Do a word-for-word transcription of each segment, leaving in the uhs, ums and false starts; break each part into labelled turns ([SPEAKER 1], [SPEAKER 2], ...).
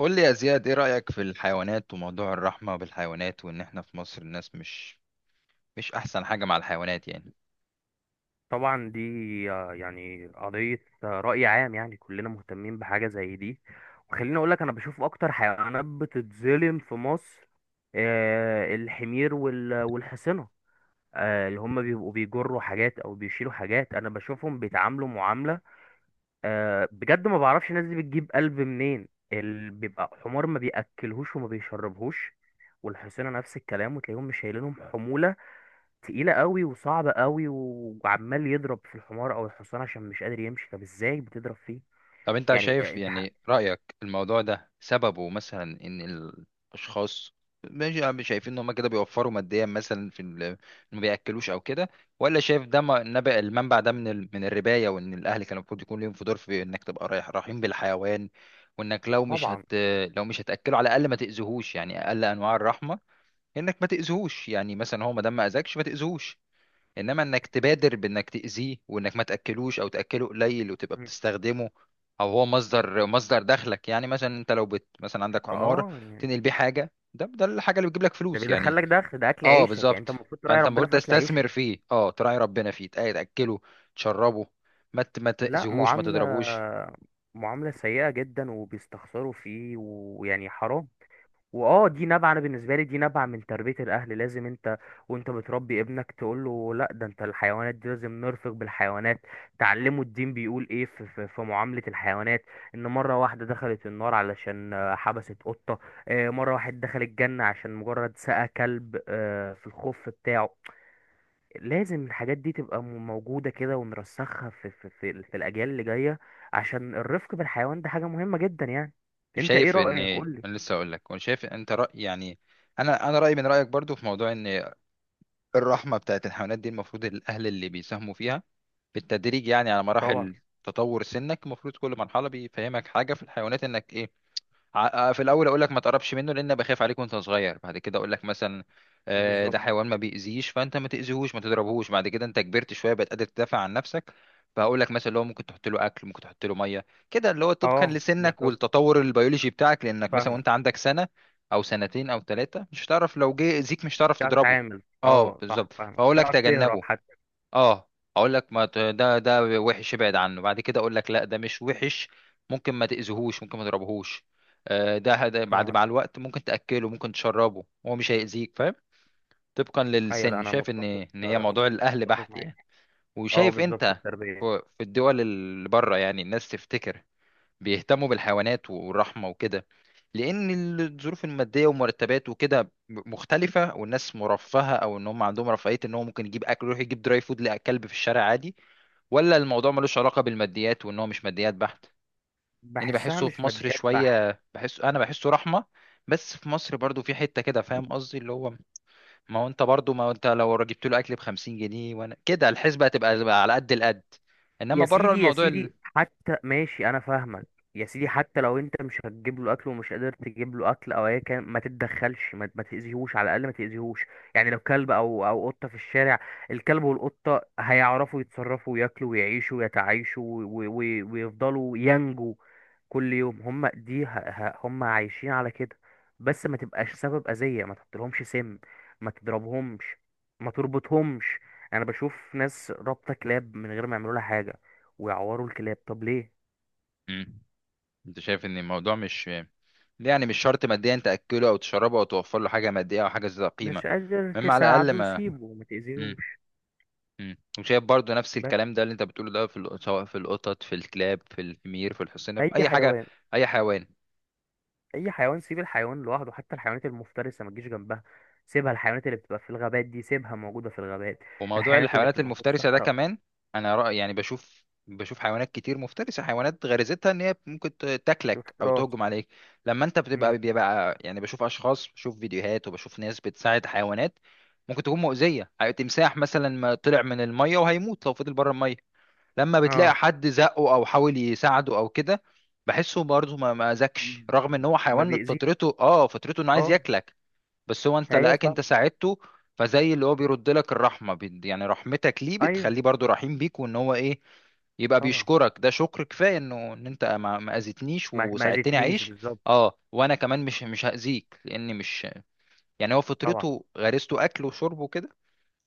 [SPEAKER 1] قول لي يا زياد، ايه رأيك في الحيوانات وموضوع الرحمة بالحيوانات، وان احنا في مصر الناس مش مش احسن حاجة مع الحيوانات يعني؟
[SPEAKER 2] طبعا دي، آه، يعني قضية، آه، رأي عام، يعني كلنا مهتمين بحاجة زي دي. وخليني أقولك، أنا بشوف أكتر حيوانات بتتظلم في مصر آه، الحمير وال- والحصنة. آه، اللي هم بيبقوا بيجروا حاجات أو بيشيلوا حاجات، أنا بشوفهم بيتعاملوا معاملة آه، بجد، ما بعرفش الناس دي بتجيب قلب منين. اللي بيبقى حمار ما بيأكلهوش وما بيشربهوش، والحصنة نفس الكلام، وتلاقيهم مش شايلينهم حمولة تقيلة قوي وصعبة قوي، و- وعمال يضرب في الحمار او الحصان عشان مش قادر يمشي. طب ازاي بتضرب فيه؟
[SPEAKER 1] طب انت
[SPEAKER 2] يعني، آه،
[SPEAKER 1] شايف
[SPEAKER 2] انت، ح-
[SPEAKER 1] يعني، رأيك الموضوع ده سببه مثلا ان الاشخاص ماشي عم شايفين ان هم كده بيوفروا ماديا مثلا في ال- إن ما بياكلوش او كده، ولا شايف ده م- نبع المنبع ده من ال... من الرباية، وان الاهل كان المفروض يكون ليهم في دور في انك تبقى رايح رحيم بالحيوان؟ وانك لو مش هت
[SPEAKER 2] طبعا.
[SPEAKER 1] لو مش هتاكله على الاقل ما تاذيهوش، يعني اقل انواع الرحمة انك ما تاذوش، يعني مثلا هو ما دام ما اذاكش ما تاذوش، انما انك تبادر بانك تاذيه وانك ما تاكلوش او تاكله قليل وتبقى
[SPEAKER 2] مم.
[SPEAKER 1] بتستخدمه، او هو مصدر مصدر دخلك. يعني مثلا انت لو بت مثلا عندك حمار
[SPEAKER 2] اه، يعني
[SPEAKER 1] تنقل بيه حاجه، ده ده الحاجه اللي بتجيب لك
[SPEAKER 2] ده
[SPEAKER 1] فلوس يعني.
[SPEAKER 2] بيدخلك دخل، ده اكل
[SPEAKER 1] اه
[SPEAKER 2] عيشك يعني،
[SPEAKER 1] بالظبط،
[SPEAKER 2] انت المفروض تراعي
[SPEAKER 1] فانت
[SPEAKER 2] ربنا
[SPEAKER 1] المفروض
[SPEAKER 2] في اكل عيشك.
[SPEAKER 1] تستثمر فيه، اه تراعي ربنا فيه، تأ- تاكله، تشربه، ما ت- ما
[SPEAKER 2] لا،
[SPEAKER 1] تاذيهوش، ما
[SPEAKER 2] معاملة
[SPEAKER 1] تضربوش.
[SPEAKER 2] معاملة سيئة جدا، وبيستخسروا فيه، ويعني حرام. واه دي نابعة، انا بالنسبة لي دي نابعة من تربية الاهل. لازم انت وانت بتربي ابنك تقول له لا، ده انت الحيوانات دي لازم نرفق بالحيوانات. تعلمه الدين بيقول ايه في, في, في معاملة الحيوانات. ان مرة واحدة دخلت النار علشان آه، حبست قطة. آه، مرة واحد دخل الجنة عشان مجرد سقى كلب آه، في الخف بتاعه. لازم الحاجات دي تبقى م- موجودة كده، ونرسخها في, في, في, ال- في الاجيال اللي جاية، عشان الرفق بالحيوان ده حاجة مهمة جدا يعني. انت ايه
[SPEAKER 1] وشايف ان
[SPEAKER 2] رأيك؟ قولي.
[SPEAKER 1] انا لسه اقول لك، وانا شايف انت رأي يعني. انا انا رايي من رايك برضو في موضوع ان الرحمة بتاعت الحيوانات دي، المفروض الأهل اللي بيساهموا فيها بالتدريج، يعني على
[SPEAKER 2] طبعا.
[SPEAKER 1] مراحل تطور سنك. المفروض كل مرحلة بيفهمك حاجة في الحيوانات إنك إيه، ع- آه، في الاول اقول لك ما تقربش منه، لان أنا بخاف عليك وانت صغير. بعد كده اقول لك مثلا آه،
[SPEAKER 2] بالظبط.
[SPEAKER 1] ده حيوان ما بيأذيش، فانت ما تأذيهوش ما تضربهوش. بعد كده انت كبرت شويه، بقت قادر تدافع عن نفسك، فهقول لك مثلا لو ممكن تحط له اكل ممكن تحط له ميه، كده اللي هو طبقا
[SPEAKER 2] اه
[SPEAKER 1] لسنك
[SPEAKER 2] بالظبط،
[SPEAKER 1] والتطور البيولوجي بتاعك، لانك مثلا وانت
[SPEAKER 2] فاهمك.
[SPEAKER 1] عندك سنه او سنتين او ثلاثه مش هتعرف لو جه اذيك، مش
[SPEAKER 2] مش
[SPEAKER 1] هتعرف
[SPEAKER 2] هتعرف
[SPEAKER 1] تضربه.
[SPEAKER 2] تتعامل،
[SPEAKER 1] اه
[SPEAKER 2] اه صح،
[SPEAKER 1] بالظبط،
[SPEAKER 2] فاهمك، مش
[SPEAKER 1] فاقول لك
[SPEAKER 2] هتعرف تهرب
[SPEAKER 1] تجنبه.
[SPEAKER 2] حتى.
[SPEAKER 1] اه اقول لك ما ت- ده ده وحش، ابعد عنه. بعد كده اقول لك لا ده مش وحش، ممكن ما تاذيهوش ممكن ما تضربهوش. آه، ده هد- بعد مع
[SPEAKER 2] فاهمك.
[SPEAKER 1] الوقت ممكن تاكله ممكن تشربه، هو مش هيأذيك، فاهم؟ طبقا
[SPEAKER 2] ايوه، لا،
[SPEAKER 1] للسن،
[SPEAKER 2] انا
[SPEAKER 1] شايف ان
[SPEAKER 2] متفق،
[SPEAKER 1] ان هي
[SPEAKER 2] آه،
[SPEAKER 1] موضوع الاهل
[SPEAKER 2] متفق
[SPEAKER 1] بحت
[SPEAKER 2] معاك.
[SPEAKER 1] يعني.
[SPEAKER 2] اه
[SPEAKER 1] وشايف
[SPEAKER 2] بالظبط،
[SPEAKER 1] انت،
[SPEAKER 2] التربية.
[SPEAKER 1] في في الدول اللي بره يعني، الناس تفتكر بيهتموا بالحيوانات والرحمة وكده لأن الظروف المادية والمرتبات وكده مختلفة، والناس مرفهة أو إن هم عندهم رفاهية إن هو ممكن يجيب أكل، يروح يجيب دراي فود لكلب في الشارع عادي؟ ولا الموضوع ملوش علاقة بالماديات وإن هو مش ماديات بحت؟ يعني
[SPEAKER 2] بحسها
[SPEAKER 1] بحسه في
[SPEAKER 2] مش
[SPEAKER 1] مصر
[SPEAKER 2] ماديات بحت.
[SPEAKER 1] شوية، بحس أنا بحسه رحمة، بس في مصر برضو في حتة كده، فاهم قصدي، اللي هو ما هو أنت برضو ما هو أنت لو جبت له أكل بخمسين جنيه وأنا كده، الحسبة هتبقى على قد القد.
[SPEAKER 2] يا
[SPEAKER 1] إنما بره
[SPEAKER 2] سيدي، يا
[SPEAKER 1] الموضوع ال...
[SPEAKER 2] سيدي، حتى ماشي، انا فاهمك. يا سيدي، حتى لو انت مش هتجيب له اكل، ومش قادر تجيب له اكل، او ايا كان، ما تتدخلش، ما, ما تاذيهوش، على الاقل ما تاذيهوش. يعني لو كلب او او قطه في الشارع، الكلب والقطه هيعرفوا يتصرفوا وياكلوا ويعيشوا ويتعايشوا، و- و- ويفضلوا ينجوا. كل يوم هم دي، ه- ه- هم عايشين على كده. بس ما تبقاش سبب اذيه، ما تحطلهمش سم، ما تضربهمش، ما تربطهمش. انا بشوف ناس رابطه كلاب من غير ما يعملوا لها حاجه، ويعوروا الكلاب، طب ليه؟
[SPEAKER 1] مم. انت شايف ان الموضوع مش، يعني مش شرط ماديا تاكله او تشربه او توفر له حاجه ماديه او حاجه ذات قيمه،
[SPEAKER 2] مش قادر
[SPEAKER 1] المهم على الاقل
[SPEAKER 2] تساعده،
[SPEAKER 1] ما.
[SPEAKER 2] سيبه، ما
[SPEAKER 1] مم.
[SPEAKER 2] تأذيهوش.
[SPEAKER 1] مم. وشايف برضو نفس
[SPEAKER 2] بس
[SPEAKER 1] الكلام ده اللي انت بتقوله ده في ال- سواء في القطط في الكلاب في الحمير في الحصينه في
[SPEAKER 2] اي
[SPEAKER 1] اي حاجه،
[SPEAKER 2] حيوان.
[SPEAKER 1] اي حيوان.
[SPEAKER 2] اي حيوان، سيب الحيوان لوحده، حتى الحيوانات المفترسة ما تجيش جنبها. سيبها، الحيوانات اللي بتبقى في الغابات دي سيبها موجودة في الغابات،
[SPEAKER 1] وموضوع
[SPEAKER 2] الحيوانات اللي
[SPEAKER 1] الحيوانات
[SPEAKER 2] بتبقى في
[SPEAKER 1] المفترسة ده
[SPEAKER 2] الصحراء.
[SPEAKER 1] كمان، أنا رأي يعني، بشوف بشوف حيوانات كتير مفترسة، حيوانات غريزتها إن هي ممكن ت- تاكلك أو
[SPEAKER 2] افتراس.
[SPEAKER 1] تهجم عليك، لما أنت
[SPEAKER 2] مم.
[SPEAKER 1] بتبقى بيبقى يعني، بشوف أشخاص، بشوف فيديوهات، وبشوف ناس بتساعد حيوانات ممكن تكون مؤذية. تمساح مثلا ما طلع من المية وهيموت لو فضل بره المية، لما بتلاقي
[SPEAKER 2] اه.
[SPEAKER 1] حد زقه أو حاول يساعده أو كده، بحسه برضه ما ما أذكش، رغم إن هو
[SPEAKER 2] ما
[SPEAKER 1] حيوان
[SPEAKER 2] بيأذيش.
[SPEAKER 1] فطرته آه فطرته إنه عايز
[SPEAKER 2] اه.
[SPEAKER 1] ياكلك، بس هو انت
[SPEAKER 2] ايوه
[SPEAKER 1] لقاك انت
[SPEAKER 2] فاهم.
[SPEAKER 1] ساعدته، فزي اللي هو بيرد لك الرحمه، بيد- يعني رحمتك ليه
[SPEAKER 2] ايوه.
[SPEAKER 1] بتخليه برضو رحيم بيك، وان هو ايه، يبقى
[SPEAKER 2] طبعا.
[SPEAKER 1] بيشكرك. ده شكر كفايه انه ان انت ما ما اذيتنيش
[SPEAKER 2] ما ما
[SPEAKER 1] وساعدتني
[SPEAKER 2] اذتنيش،
[SPEAKER 1] اعيش.
[SPEAKER 2] بالظبط.
[SPEAKER 1] اه، وانا كمان مش مش هاذيك، لاني مش، يعني هو
[SPEAKER 2] طبعا.
[SPEAKER 1] فطرته غريزته اكل وشرب وكده،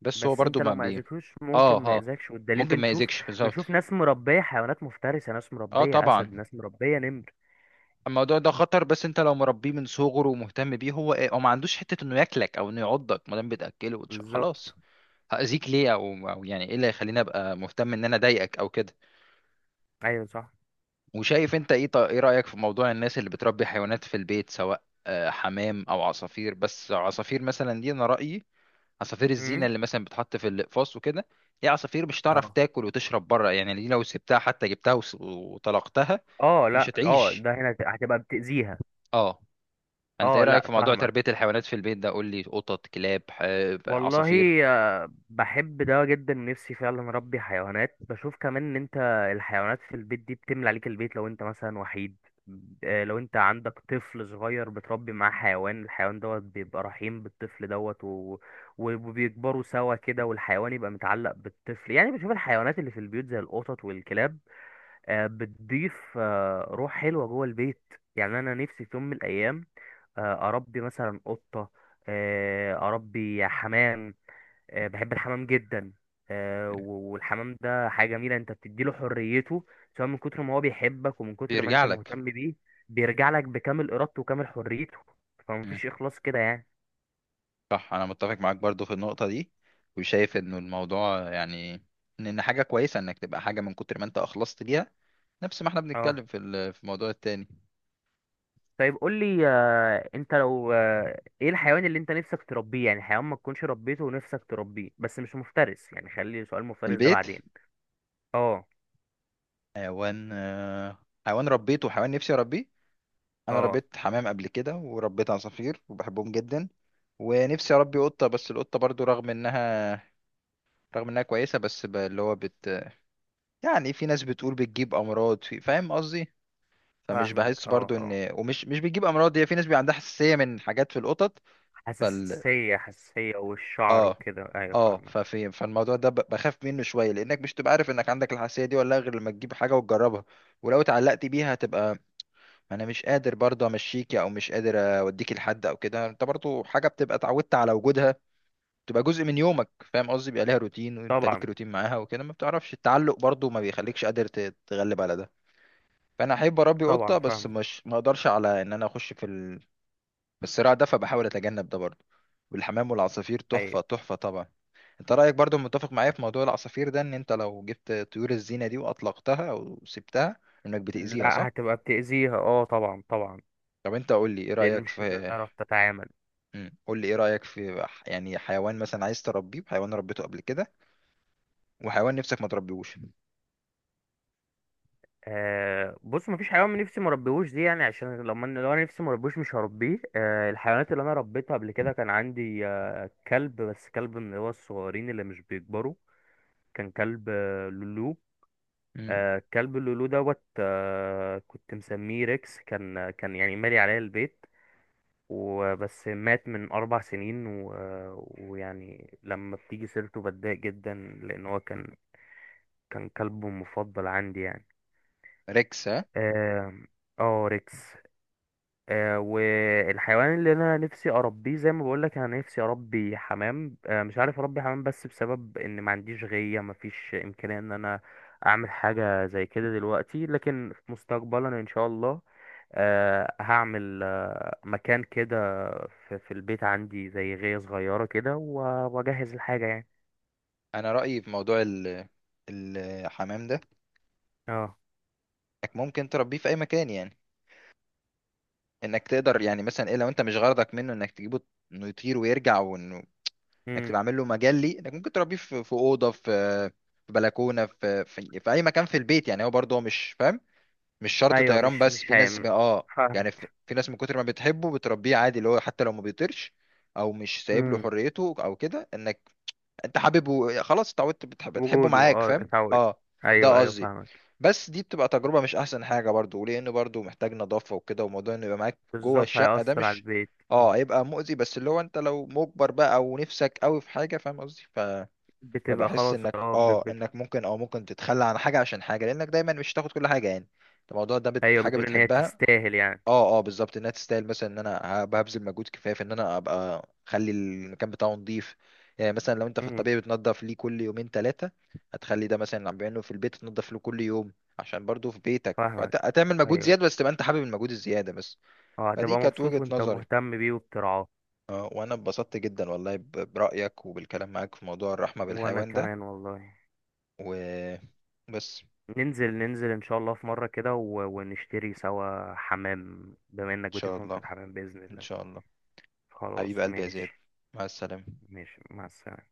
[SPEAKER 1] بس هو
[SPEAKER 2] بس
[SPEAKER 1] برضو
[SPEAKER 2] انت لو
[SPEAKER 1] ما
[SPEAKER 2] ما
[SPEAKER 1] بي،
[SPEAKER 2] اذيتهوش، ممكن
[SPEAKER 1] اه
[SPEAKER 2] ما
[SPEAKER 1] اه
[SPEAKER 2] اذاكش، والدليل
[SPEAKER 1] ممكن ما
[SPEAKER 2] بنشوف.
[SPEAKER 1] يأذيكش بالظبط.
[SPEAKER 2] بنشوف ناس مربيه حيوانات مفترسه، ناس
[SPEAKER 1] اه
[SPEAKER 2] مربيه
[SPEAKER 1] طبعا.
[SPEAKER 2] اسد، ناس مربيه نمر.
[SPEAKER 1] الموضوع ده خطر، بس انت لو مربيه من صغره ومهتم بيه، هو ايه هو ما عندوش حته انه ياكلك او انه يعضك، ما دام بتاكله وتش-
[SPEAKER 2] بالظبط.
[SPEAKER 1] خلاص. هأذيك ليه؟ او او يعني ايه اللي هيخليني ابقى مهتم ان انا اضايقك او كده؟
[SPEAKER 2] ايوه صح.
[SPEAKER 1] وشايف انت ايه، طا- ايه رأيك في موضوع الناس اللي بتربي حيوانات في البيت سواء آه، حمام او عصافير، بس عصافير مثلا دي انا رأيي، عصافير الزينة
[SPEAKER 2] امم.
[SPEAKER 1] اللي مثلا بتحط في الاقفاص وكده، دي عصافير مش هتعرف
[SPEAKER 2] اه،
[SPEAKER 1] تاكل وتشرب بره يعني. دي لو سبتها، حتى جبتها وس- وطلقتها،
[SPEAKER 2] اه،
[SPEAKER 1] مش
[SPEAKER 2] لا، اه،
[SPEAKER 1] هتعيش.
[SPEAKER 2] ده هنا هت- هتبقى بتأذيها.
[SPEAKER 1] اه انت ايه
[SPEAKER 2] اه
[SPEAKER 1] رأيك
[SPEAKER 2] لا،
[SPEAKER 1] في موضوع
[SPEAKER 2] فاهمك.
[SPEAKER 1] تربية الحيوانات في البيت ده؟ قول لي، قطط، كلاب، ح- عصافير.
[SPEAKER 2] والله. آه، بحب ده جدا، نفسي فعلا اربي حيوانات. بشوف كمان، ان انت الحيوانات في البيت دي بتملى عليك البيت لو انت مثلا وحيد. آه، لو انت عندك طفل صغير بتربي معاه حيوان، الحيوان دوت بيبقى رحيم بالطفل دوت، و... وبيكبروا سوا كده، والحيوان يبقى متعلق بالطفل. يعني بشوف الحيوانات اللي في البيوت زي القطط والكلاب آه، بتضيف آه، روح حلوة جوه البيت. يعني أنا نفسي في يوم من الأيام آه، أربي مثلا قطة، آه، أربي حمام. آه، بحب الحمام جدا. آه، و- والحمام ده حاجة جميلة، أنت بتديله حريته سواء من كتر ما هو بيحبك ومن كتر ما
[SPEAKER 1] بيرجع
[SPEAKER 2] أنت
[SPEAKER 1] لك.
[SPEAKER 2] مهتم بيه، بيرجع لك بكامل إرادته وكامل حريته. فمفيش إخلاص كده يعني.
[SPEAKER 1] صح، انا متفق معاك برضو في النقطة دي، وشايف انه الموضوع يعني ان إن حاجة كويسة انك تبقى حاجة من كتر ما انت اخلصت ليها، نفس ما احنا
[SPEAKER 2] اه.
[SPEAKER 1] بنتكلم في ال- في الموضوع التاني.
[SPEAKER 2] طيب قول لي، آه، انت لو، آه، ايه الحيوان اللي انت نفسك تربيه؟ يعني حيوان ما تكونش ربيته ونفسك تربيه، بس مش مفترس، يعني خلي سؤال مفترس ده
[SPEAKER 1] البيت،
[SPEAKER 2] بعدين. اه،
[SPEAKER 1] حيوان آه، حيوان ربيته وحيوان نفسي اربيه. انا
[SPEAKER 2] اه،
[SPEAKER 1] ربيت حمام قبل كده وربيت عصافير وبحبهم جدا، ونفسي اربي قطة، بس القطة برضو رغم انها رغم انها كويسة، بس ب- اللي هو بت يعني، في ناس بتقول بتجيب امراض، في- فاهم قصدي. فمش
[SPEAKER 2] فاهمك.
[SPEAKER 1] بحس
[SPEAKER 2] اه،
[SPEAKER 1] برضو
[SPEAKER 2] اه،
[SPEAKER 1] ان، ومش مش بتجيب امراض، هي في ناس بيبقى عندها حساسيه من حاجات في القطط. فال
[SPEAKER 2] حساسية، حساسية والشعر
[SPEAKER 1] اه
[SPEAKER 2] وكده، ايوه
[SPEAKER 1] اه
[SPEAKER 2] فاهمك.
[SPEAKER 1] ففي فالموضوع ده ب- بخاف منه شويه، لانك مش تبقى عارف انك عندك الحساسيه دي ولا لأ، غير لما تجيب حاجه وتجربها. ولو اتعلقت بيها هتبقى، انا مش قادر برضه امشيكي او مش قادر اوديكي لحد او كده. انت برضه حاجه بتبقى اتعودت على وجودها، تبقى جزء من يومك فاهم قصدي، بيبقى ليها روتين وانت ليك
[SPEAKER 2] طبعا،
[SPEAKER 1] روتين معاها وكده، ما بتعرفش التعلق برضه ما بيخليكش قادر ت- تتغلب على ده. فانا احب اربي قطه،
[SPEAKER 2] طبعا،
[SPEAKER 1] بس
[SPEAKER 2] فاهمك.
[SPEAKER 1] مش ما اقدرش على ان انا اخش في بالصراع ده، فبحاول اتجنب ده برضه. والحمام والعصافير
[SPEAKER 2] ايوه،
[SPEAKER 1] تحفة تحفة طبعا. انت رأيك برضه متفق معايا في موضوع العصافير ده، ان انت لو جبت طيور الزينة دي واطلقتها او سبتها، انك بتأذيها، صح؟
[SPEAKER 2] لا، هتبقى بتأذيها، اه طبعا، طبعا.
[SPEAKER 1] طب انت قول لي ايه
[SPEAKER 2] لان
[SPEAKER 1] رأيك
[SPEAKER 2] مش
[SPEAKER 1] في.
[SPEAKER 2] هتعرف تتعامل.
[SPEAKER 1] مم. قول لي ايه رأيك في، ح- يعني حيوان مثلا عايز تربيه، وحيوان ربيته قبل كده، وحيوان نفسك ما تربيهوش.
[SPEAKER 2] آه، بص، مفيش حيوان نفسي مربيهوش دي، يعني عشان لما أنا- لو انا نفسي مربيهوش مش هربيه. آه الحيوانات اللي انا ربيتها قبل كده، كان عندي آه كلب، بس كلب من اللي هو الصغيرين اللي مش بيكبروا. كان كلب آه لولو.
[SPEAKER 1] مم.
[SPEAKER 2] آه كلب لولو دوت، آه كنت مسميه ريكس. كان، كان يعني مالي عليا البيت وبس. مات من أربع سنين و... آه، ويعني لما بتيجي سيرته بتضايق جدا، لأن هو كان كان كلب مفضل عندي يعني.
[SPEAKER 1] ريكس، ها؟
[SPEAKER 2] آه، اه ريكس. آه، والحيوان اللي انا نفسي اربيه، زي ما بقولك، انا نفسي اربي حمام. آه، مش عارف اربي حمام بس بسبب ان ما عنديش غيه، ما فيش امكانيه ان انا اعمل حاجه زي كده دلوقتي، لكن في مستقبلا ان شاء الله آه، هعمل آه، مكان كده في في البيت عندي زي غيه صغيره كده، و- واجهز الحاجه يعني.
[SPEAKER 1] انا رأيي في موضوع ال... الحمام ده،
[SPEAKER 2] اه.
[SPEAKER 1] انك ممكن تربيه في اي مكان يعني، انك تقدر يعني مثلا ايه، لو انت مش غرضك منه انك تجيبه انه يطير ويرجع، انك
[SPEAKER 2] امم.
[SPEAKER 1] تبقى عامل له مجال ليه انك ممكن تربيه في في اوضه، في في بلكونه، في في, في اي مكان في البيت يعني. هو برضه هو مش فاهم مش شرط
[SPEAKER 2] ايوه،
[SPEAKER 1] طيران،
[SPEAKER 2] مش
[SPEAKER 1] بس
[SPEAKER 2] مش
[SPEAKER 1] في ناس
[SPEAKER 2] هي...
[SPEAKER 1] ب- اه
[SPEAKER 2] فاهم.
[SPEAKER 1] يعني، في, في ناس من كتر ما بتحبه بتربيه عادي، اللي هو حتى لو ما بيطيرش او مش سايب له
[SPEAKER 2] امم.
[SPEAKER 1] حريته او كده، انك انت حاببه خلاص اتعودت، بتحب بتحبه
[SPEAKER 2] وجوده،
[SPEAKER 1] معاك
[SPEAKER 2] اه،
[SPEAKER 1] فاهم.
[SPEAKER 2] اتعود.
[SPEAKER 1] اه،
[SPEAKER 2] ايوه،
[SPEAKER 1] ده
[SPEAKER 2] ايوه،
[SPEAKER 1] قصدي.
[SPEAKER 2] فاهمك.
[SPEAKER 1] بس دي بتبقى تجربة مش احسن حاجة برضو، لان برضو محتاج نظافة وكده، وموضوع انه يبقى معاك جوه
[SPEAKER 2] بالظبط،
[SPEAKER 1] الشقة ده
[SPEAKER 2] هيأثر على
[SPEAKER 1] مش.
[SPEAKER 2] البيت.
[SPEAKER 1] اه هيبقى مؤذي، بس اللي هو انت لو مجبر بقى ونفسك قوي في حاجة فاهم قصدي، ف...
[SPEAKER 2] بتبقى
[SPEAKER 1] فبحس
[SPEAKER 2] خلاص،
[SPEAKER 1] انك
[SPEAKER 2] اه،
[SPEAKER 1] اه
[SPEAKER 2] بت... بت...
[SPEAKER 1] انك ممكن او ممكن تتخلى عن حاجة عشان حاجة، لانك دايما مش هتاخد كل حاجة يعني. انت الموضوع ده بت...
[SPEAKER 2] ايوه،
[SPEAKER 1] حاجة
[SPEAKER 2] بتقول ان هي
[SPEAKER 1] بتحبها.
[SPEAKER 2] تستاهل يعني.
[SPEAKER 1] اه، اه، بالظبط انها تستاهل، مثلا ان انا ببذل مجهود كفايه في ان انا ابقى اخلي المكان بتاعه نظيف. يعني مثلا لو انت في
[SPEAKER 2] امم.
[SPEAKER 1] الطبيعي بتنضف ليه كل يومين ثلاثه، هتخلي ده مثلا اللي عم بيعمله في البيت، تنضف له كل يوم عشان برضه في بيتك، فهت-
[SPEAKER 2] فاهمك.
[SPEAKER 1] هتعمل مجهود
[SPEAKER 2] ايوه.
[SPEAKER 1] زياده، بس تبقى انت حابب المجهود الزياده بس.
[SPEAKER 2] اه
[SPEAKER 1] فدي
[SPEAKER 2] هتبقى
[SPEAKER 1] كانت
[SPEAKER 2] مبسوط
[SPEAKER 1] وجهه
[SPEAKER 2] وانت
[SPEAKER 1] نظري.
[SPEAKER 2] مهتم بيه وبترعاه.
[SPEAKER 1] اه، وانا اتبسطت جدا والله ب- برايك وبالكلام معاك في موضوع الرحمه
[SPEAKER 2] وانا
[SPEAKER 1] بالحيوان ده.
[SPEAKER 2] كمان والله.
[SPEAKER 1] وبس.
[SPEAKER 2] ننزل، ننزل ان شاء الله في مرة كده، و... ونشتري سوا حمام، بما
[SPEAKER 1] ان
[SPEAKER 2] انك
[SPEAKER 1] شاء
[SPEAKER 2] بتفهم في
[SPEAKER 1] الله.
[SPEAKER 2] الحمام، بإذن
[SPEAKER 1] ان
[SPEAKER 2] الله.
[SPEAKER 1] شاء الله. حبيب
[SPEAKER 2] خلاص،
[SPEAKER 1] قلبي يا زياد،
[SPEAKER 2] ماشي.
[SPEAKER 1] مع السلامه.
[SPEAKER 2] ماشي، مع السلامة.